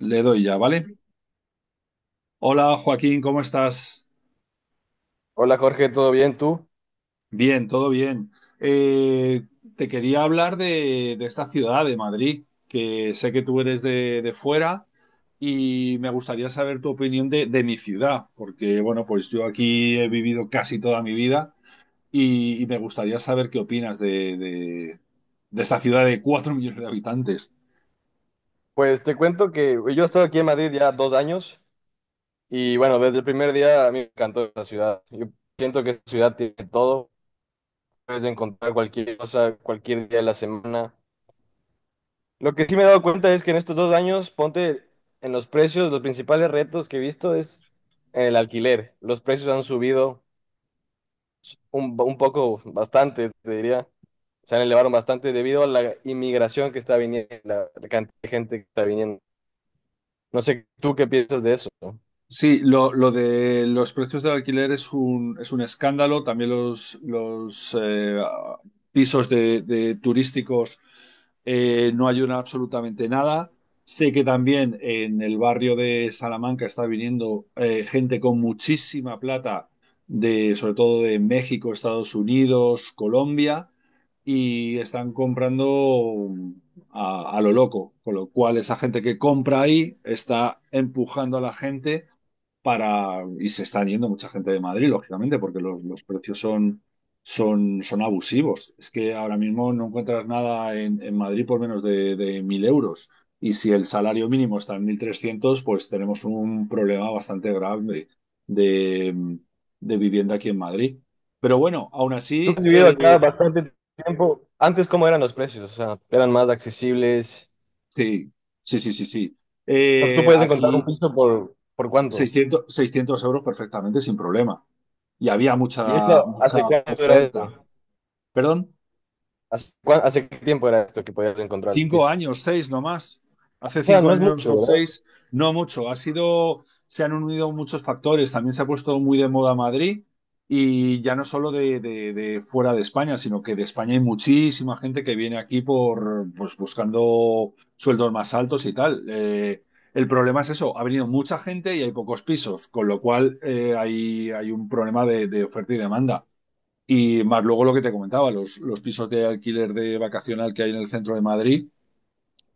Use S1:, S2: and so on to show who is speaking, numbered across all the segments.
S1: Le doy ya, ¿vale? Hola Joaquín, ¿cómo estás?
S2: Hola Jorge, ¿todo bien tú?
S1: Bien, todo bien. Eh, Te quería hablar de esta ciudad, de Madrid, que sé que tú eres de fuera y me gustaría saber tu opinión de mi ciudad, porque bueno, pues yo aquí he vivido casi toda mi vida y me gustaría saber qué opinas de esta ciudad de 4 millones de habitantes.
S2: Pues te cuento que yo estoy aquí en Madrid ya 2 años y bueno, desde el primer día a mí me encantó esta ciudad. Yo siento que esta ciudad tiene todo, puedes encontrar cualquier cosa, cualquier día de la semana. Lo que sí me he dado cuenta es que en estos 2 años, ponte en los precios, los principales retos que he visto es el alquiler. Los precios han subido un poco, bastante, te diría. Se han elevado bastante debido a la inmigración que está viniendo, la cantidad de gente que está viniendo. No sé tú qué piensas de eso.
S1: Sí, lo de los precios del alquiler es es un escándalo. También los pisos de turísticos no ayudan absolutamente nada. Sé que también en el barrio de Salamanca está viniendo gente con muchísima plata, de, sobre todo de México, Estados Unidos, Colombia, y están comprando a lo loco, con lo cual esa gente que compra ahí está empujando a la gente para, y se están yendo mucha gente de Madrid, lógicamente, porque los precios son abusivos. Es que ahora mismo no encuentras nada en Madrid por menos de 1.000 euros. Y si el salario mínimo está en 1.300, pues tenemos un problema bastante grave de, de vivienda aquí en Madrid. Pero bueno, aún
S2: Tú que has
S1: así,
S2: vivido acá bastante tiempo, antes cómo eran los precios, o sea, eran más accesibles.
S1: sí, sí, sí, sí, sí.
S2: O sea, tú puedes encontrar un
S1: Aquí
S2: piso por cuánto.
S1: seiscientos euros perfectamente sin problema. Y había
S2: ¿Y
S1: mucha,
S2: esto
S1: mucha
S2: hace cuánto era
S1: oferta.
S2: este?
S1: ¿Perdón?
S2: ¿Hace qué tiempo era esto que podías encontrar el
S1: Cinco
S2: piso?
S1: años, seis nomás.
S2: O
S1: Hace
S2: sea,
S1: cinco
S2: no es
S1: años o
S2: mucho, ¿verdad?
S1: seis, no mucho. Ha sido, se han unido muchos factores. También se ha puesto muy de moda Madrid y ya no solo de fuera de España, sino que de España hay muchísima gente que viene aquí por, pues, buscando sueldos más altos y tal. El problema es eso, ha venido mucha gente y hay pocos pisos, con lo cual un problema de oferta y demanda. Y más luego lo que te comentaba, pisos de alquiler de vacacional que hay en el centro de Madrid,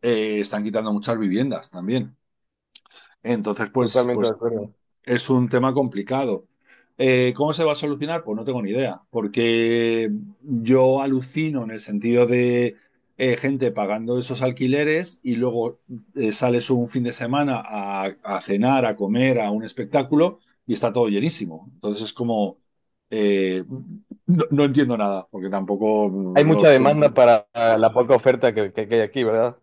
S1: están quitando muchas viviendas también. Entonces,
S2: Totalmente de
S1: pues
S2: acuerdo.
S1: es un tema complicado. ¿Cómo se va a solucionar? Pues no tengo ni idea, porque yo alucino en el sentido de gente pagando esos alquileres y luego sales un fin de semana cenar, a comer, a un espectáculo y está todo llenísimo. Entonces es como, eh, no, entiendo nada, porque tampoco
S2: Hay
S1: los
S2: mucha
S1: sueldos.
S2: demanda para la poca oferta que hay aquí, ¿verdad?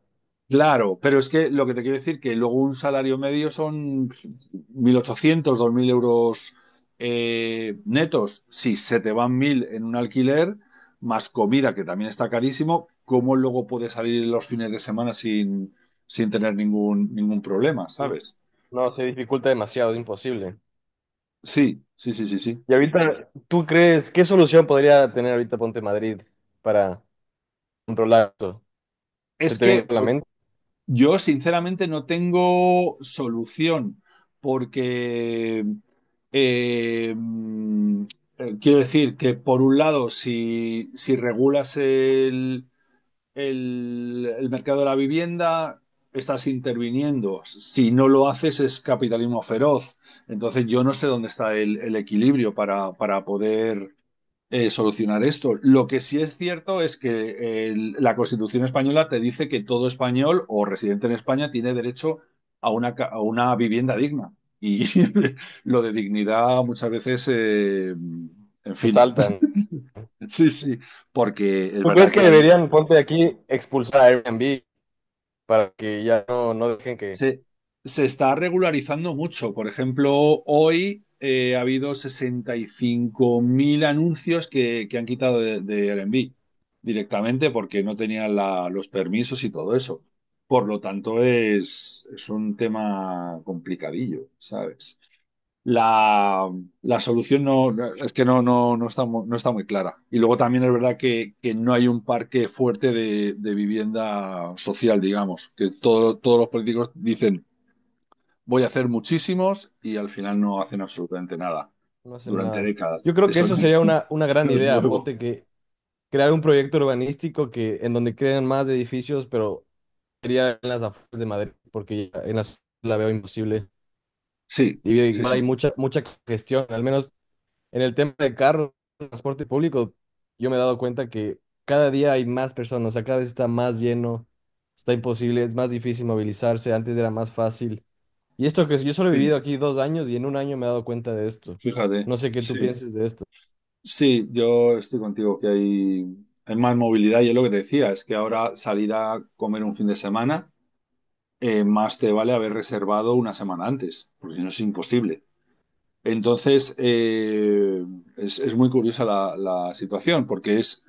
S1: Claro, pero es que lo que te quiero decir que luego un salario medio son 1.800 2.000 euros netos. Si se te van 1.000 en un alquiler, más comida, que también está carísimo, ¿cómo luego puedes salir los fines de semana sin, sin tener ningún, ningún problema, ¿sabes?
S2: No, se dificulta demasiado, es imposible.
S1: Sí, sí, sí, sí, sí.
S2: Y ahorita, ¿tú crees qué solución podría tener ahorita ponte Madrid para controlar esto? ¿Se
S1: Es
S2: te
S1: que,
S2: viene a la
S1: pues,
S2: mente?
S1: yo sinceramente no tengo solución porque eh, mm, quiero decir que por un lado, si regulas el mercado de la vivienda, estás interviniendo. Si no lo haces es capitalismo feroz. Entonces yo no sé dónde está el equilibrio para poder solucionar esto. Lo que sí es cierto es que la Constitución española te dice que todo español o residente en España tiene derecho a una vivienda digna. Y lo de dignidad muchas veces, en fin,
S2: Saltan.
S1: sí, sí, porque es
S2: ¿Tú crees
S1: verdad
S2: que
S1: que hay,
S2: deberían, ponte aquí, expulsar a Airbnb para que ya no, no dejen que
S1: Se, se está regularizando mucho. Por ejemplo, hoy ha habido 65.000 anuncios que han quitado de Airbnb directamente porque no tenían los permisos y todo eso. Por lo tanto, es un tema complicadillo, ¿sabes? La, la solución es que no está, no está muy clara. Y luego también es verdad que no hay un parque fuerte de vivienda social, digamos, que todos los políticos dicen, voy a hacer muchísimos y al final no hacen absolutamente nada
S2: no hacen
S1: durante
S2: nada? Yo
S1: décadas.
S2: creo que
S1: Eso
S2: eso
S1: no, es,
S2: sería una gran
S1: no es
S2: idea,
S1: nuevo.
S2: ponte que crear un proyecto urbanístico que en donde creen más edificios, pero sería en las afueras de Madrid, porque ya en las la veo imposible.
S1: Sí,
S2: Y
S1: sí,
S2: igual hay
S1: sí,
S2: mucha, mucha congestión, al menos en el tema de carros, transporte público, yo me he dado cuenta que cada día hay más personas, o sea, cada vez está más lleno, está imposible, es más difícil movilizarse, antes era más fácil. Y esto que yo solo he vivido
S1: sí,
S2: aquí 2 años y en un año me he dado cuenta de esto.
S1: fíjate,
S2: No sé qué tú
S1: sí.
S2: pienses de esto.
S1: Sí, yo estoy contigo que hay más movilidad y es lo que te decía, es que ahora salir a comer un fin de semana, más te vale haber reservado una semana antes, porque si no es imposible. Entonces, es muy curiosa la situación, porque es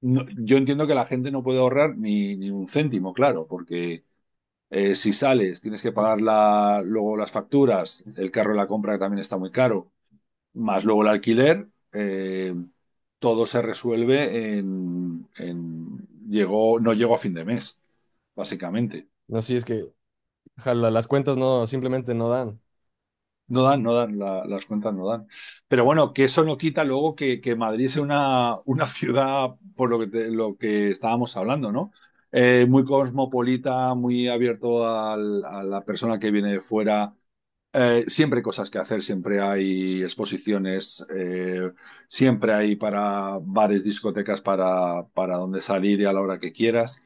S1: no- yo entiendo que la gente no puede ahorrar ni, ni un céntimo, claro, porque si sales tienes que pagar luego las facturas, el carro de la compra que también está muy caro, más luego el alquiler, todo se resuelve llegó, no llegó a fin de mes, básicamente.
S2: No sé si es que jala, las cuentas no, simplemente no dan.
S1: No dan, no dan, las cuentas no dan. Pero bueno, que eso no quita luego que Madrid sea una ciudad, por lo que, lo que estábamos hablando, ¿no? Muy cosmopolita, muy abierto a la persona que viene de fuera. Siempre hay cosas que hacer, siempre hay exposiciones, siempre hay para bares, discotecas, para donde salir y a la hora que quieras.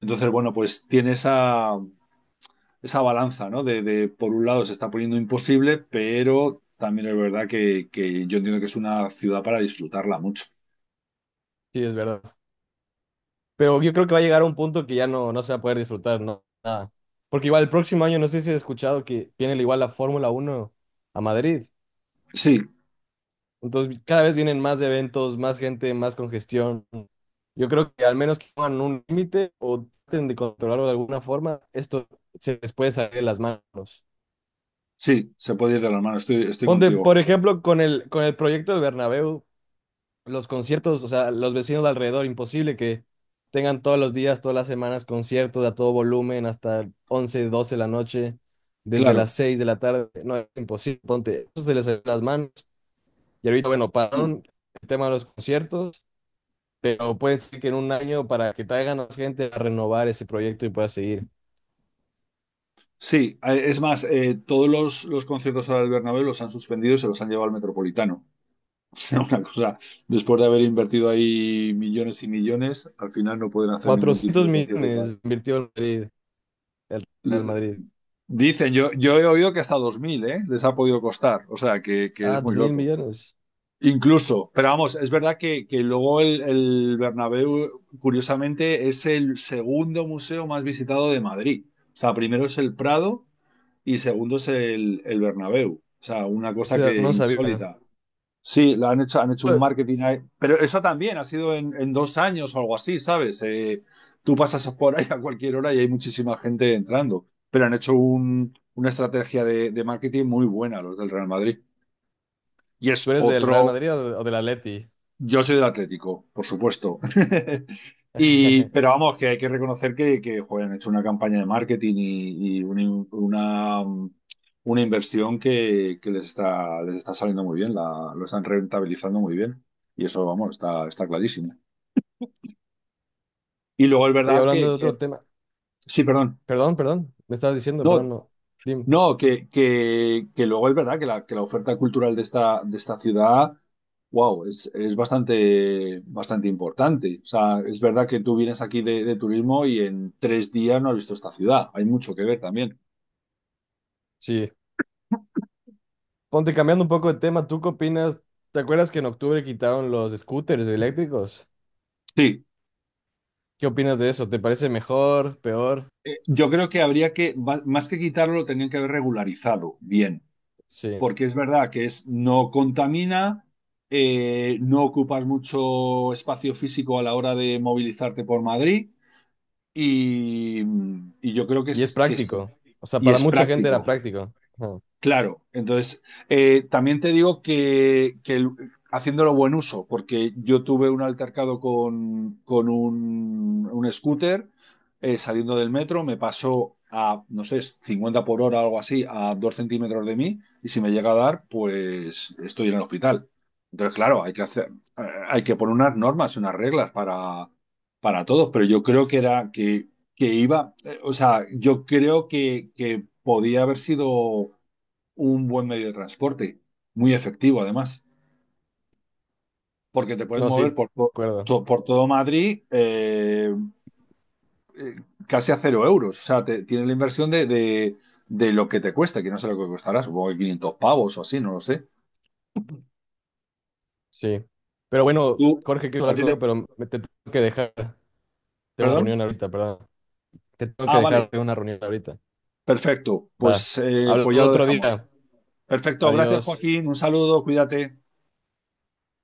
S1: Entonces, bueno, pues tiene esa, esa balanza, ¿no? De, por un lado se está poniendo imposible, pero también es verdad que, yo entiendo que es una ciudad para disfrutarla mucho.
S2: Sí, es verdad. Pero yo creo que va a llegar a un punto que ya no, no se va a poder disfrutar, no, nada. Porque igual el próximo año, no sé si has escuchado que viene igual la Fórmula 1 a Madrid.
S1: Sí,
S2: Entonces cada vez vienen más eventos, más gente, más congestión. Yo creo que al menos que pongan un límite o traten de controlarlo de alguna forma, esto se les puede salir de las manos.
S1: sí, se puede ir de las manos, estoy, estoy
S2: Ponte,
S1: contigo.
S2: por ejemplo, con el proyecto del Bernabéu, los conciertos, o sea, los vecinos de alrededor, imposible que tengan todos los días, todas las semanas conciertos a todo volumen hasta 11, 12 de la noche, desde las
S1: Claro,
S2: 6 de la tarde. No, es imposible, ponte, eso se les salió de las manos. Y ahorita, bueno,
S1: sí.
S2: pararon el tema de los conciertos, pero puede ser que en un año para que traigan a más gente a renovar ese proyecto y pueda seguir.
S1: Sí, es más, todos conciertos ahora del Bernabéu los han suspendido y se los han llevado al Metropolitano. O sea, una cosa, después de haber invertido ahí millones y millones, al final no pueden hacer ningún tipo
S2: 400
S1: de concierto y tal.
S2: millones invirtió el Madrid, el Real
S1: L-
S2: Madrid.
S1: Dicen, yo he oído que hasta 2.000, ¿eh? Les ha podido costar, o sea, que
S2: Ah,
S1: es muy
S2: dos mil
S1: loco.
S2: millones.
S1: Incluso, pero vamos, es verdad que luego el Bernabéu, curiosamente, es el segundo museo más visitado de Madrid. O sea, primero es el Prado y segundo es el Bernabéu. O sea, una
S2: O
S1: cosa
S2: sea,
S1: que
S2: no sabía.
S1: insólita. Sí, lo han hecho un marketing ahí. Pero eso también ha sido en 2 años o algo así, ¿sabes? Tú pasas por ahí a cualquier hora y hay muchísima gente entrando. Pero han hecho una estrategia de marketing muy buena los del Real Madrid. Y
S2: ¿Tú
S1: es
S2: eres del Real
S1: otro,
S2: Madrid o, de- o del Atleti?
S1: yo soy del Atlético, por supuesto. Y, pero vamos, que hay que reconocer que joder, han hecho una campaña de marketing y una inversión que les está saliendo muy bien, la, lo están rentabilizando muy bien. Y eso, vamos, está, está clarísimo. Y luego es
S2: Oye,
S1: verdad
S2: hablando de otro
S1: que-
S2: tema.
S1: Sí, perdón.
S2: Perdón, perdón. Me estabas diciendo, perdón,
S1: No,
S2: no. Dim,
S1: no, que luego es verdad que la oferta cultural de esta ciudad, wow, es bastante, bastante importante. O sea, es verdad que tú vienes aquí de turismo y en 3 días no has visto esta ciudad. Hay mucho que ver también.
S2: sí. Ponte cambiando un poco de tema. ¿Tú qué opinas? ¿Te acuerdas que en octubre quitaron los scooters eléctricos?
S1: Sí,
S2: ¿Qué opinas de eso? ¿Te parece mejor, peor?
S1: yo creo que habría que, más que quitarlo, lo tenían que haber regularizado bien,
S2: Sí.
S1: porque es verdad que es, no contamina, no ocupas mucho espacio físico a la hora de movilizarte por Madrid y, y yo creo que,
S2: Y es
S1: es- que se
S2: práctico. O sea,
S1: y
S2: para
S1: es
S2: mucha gente era
S1: práctico.
S2: práctico. Ajá.
S1: Claro, entonces también te digo que, haciéndolo buen uso, porque yo tuve un altercado con un scooter saliendo del metro, me pasó a, no sé, 50 por hora o algo así, a 2 centímetros de mí, y si me llega a dar, pues estoy en el hospital. Entonces, claro, hay que hacer, eh, hay que poner unas normas y unas reglas para todos, pero yo creo que era que iba, o sea, yo creo que podía haber sido un buen medio de transporte, muy efectivo además, porque te puedes
S2: No, sí,
S1: mover
S2: de
S1: por,
S2: acuerdo.
S1: por todo Madrid eh, casi a 0 euros. O sea, tienes la inversión de lo que te cuesta, que no sé lo que costará, supongo que 500 pavos o así, no lo sé.
S2: Sí. Pero bueno,
S1: ¿Tú?
S2: Jorge, quiero
S1: ¿A
S2: hablar
S1: ti
S2: contigo,
S1: te-
S2: pero me te tengo que dejar. Tengo una
S1: ¿Perdón?
S2: reunión ahorita, perdón. Te tengo que
S1: Ah, vale,
S2: dejar, tengo una reunión ahorita.
S1: perfecto.
S2: Va.
S1: Pues, pues
S2: Hablamos
S1: ya lo
S2: otro
S1: dejamos.
S2: día.
S1: Perfecto, gracias
S2: Adiós.
S1: Joaquín, un saludo, cuídate.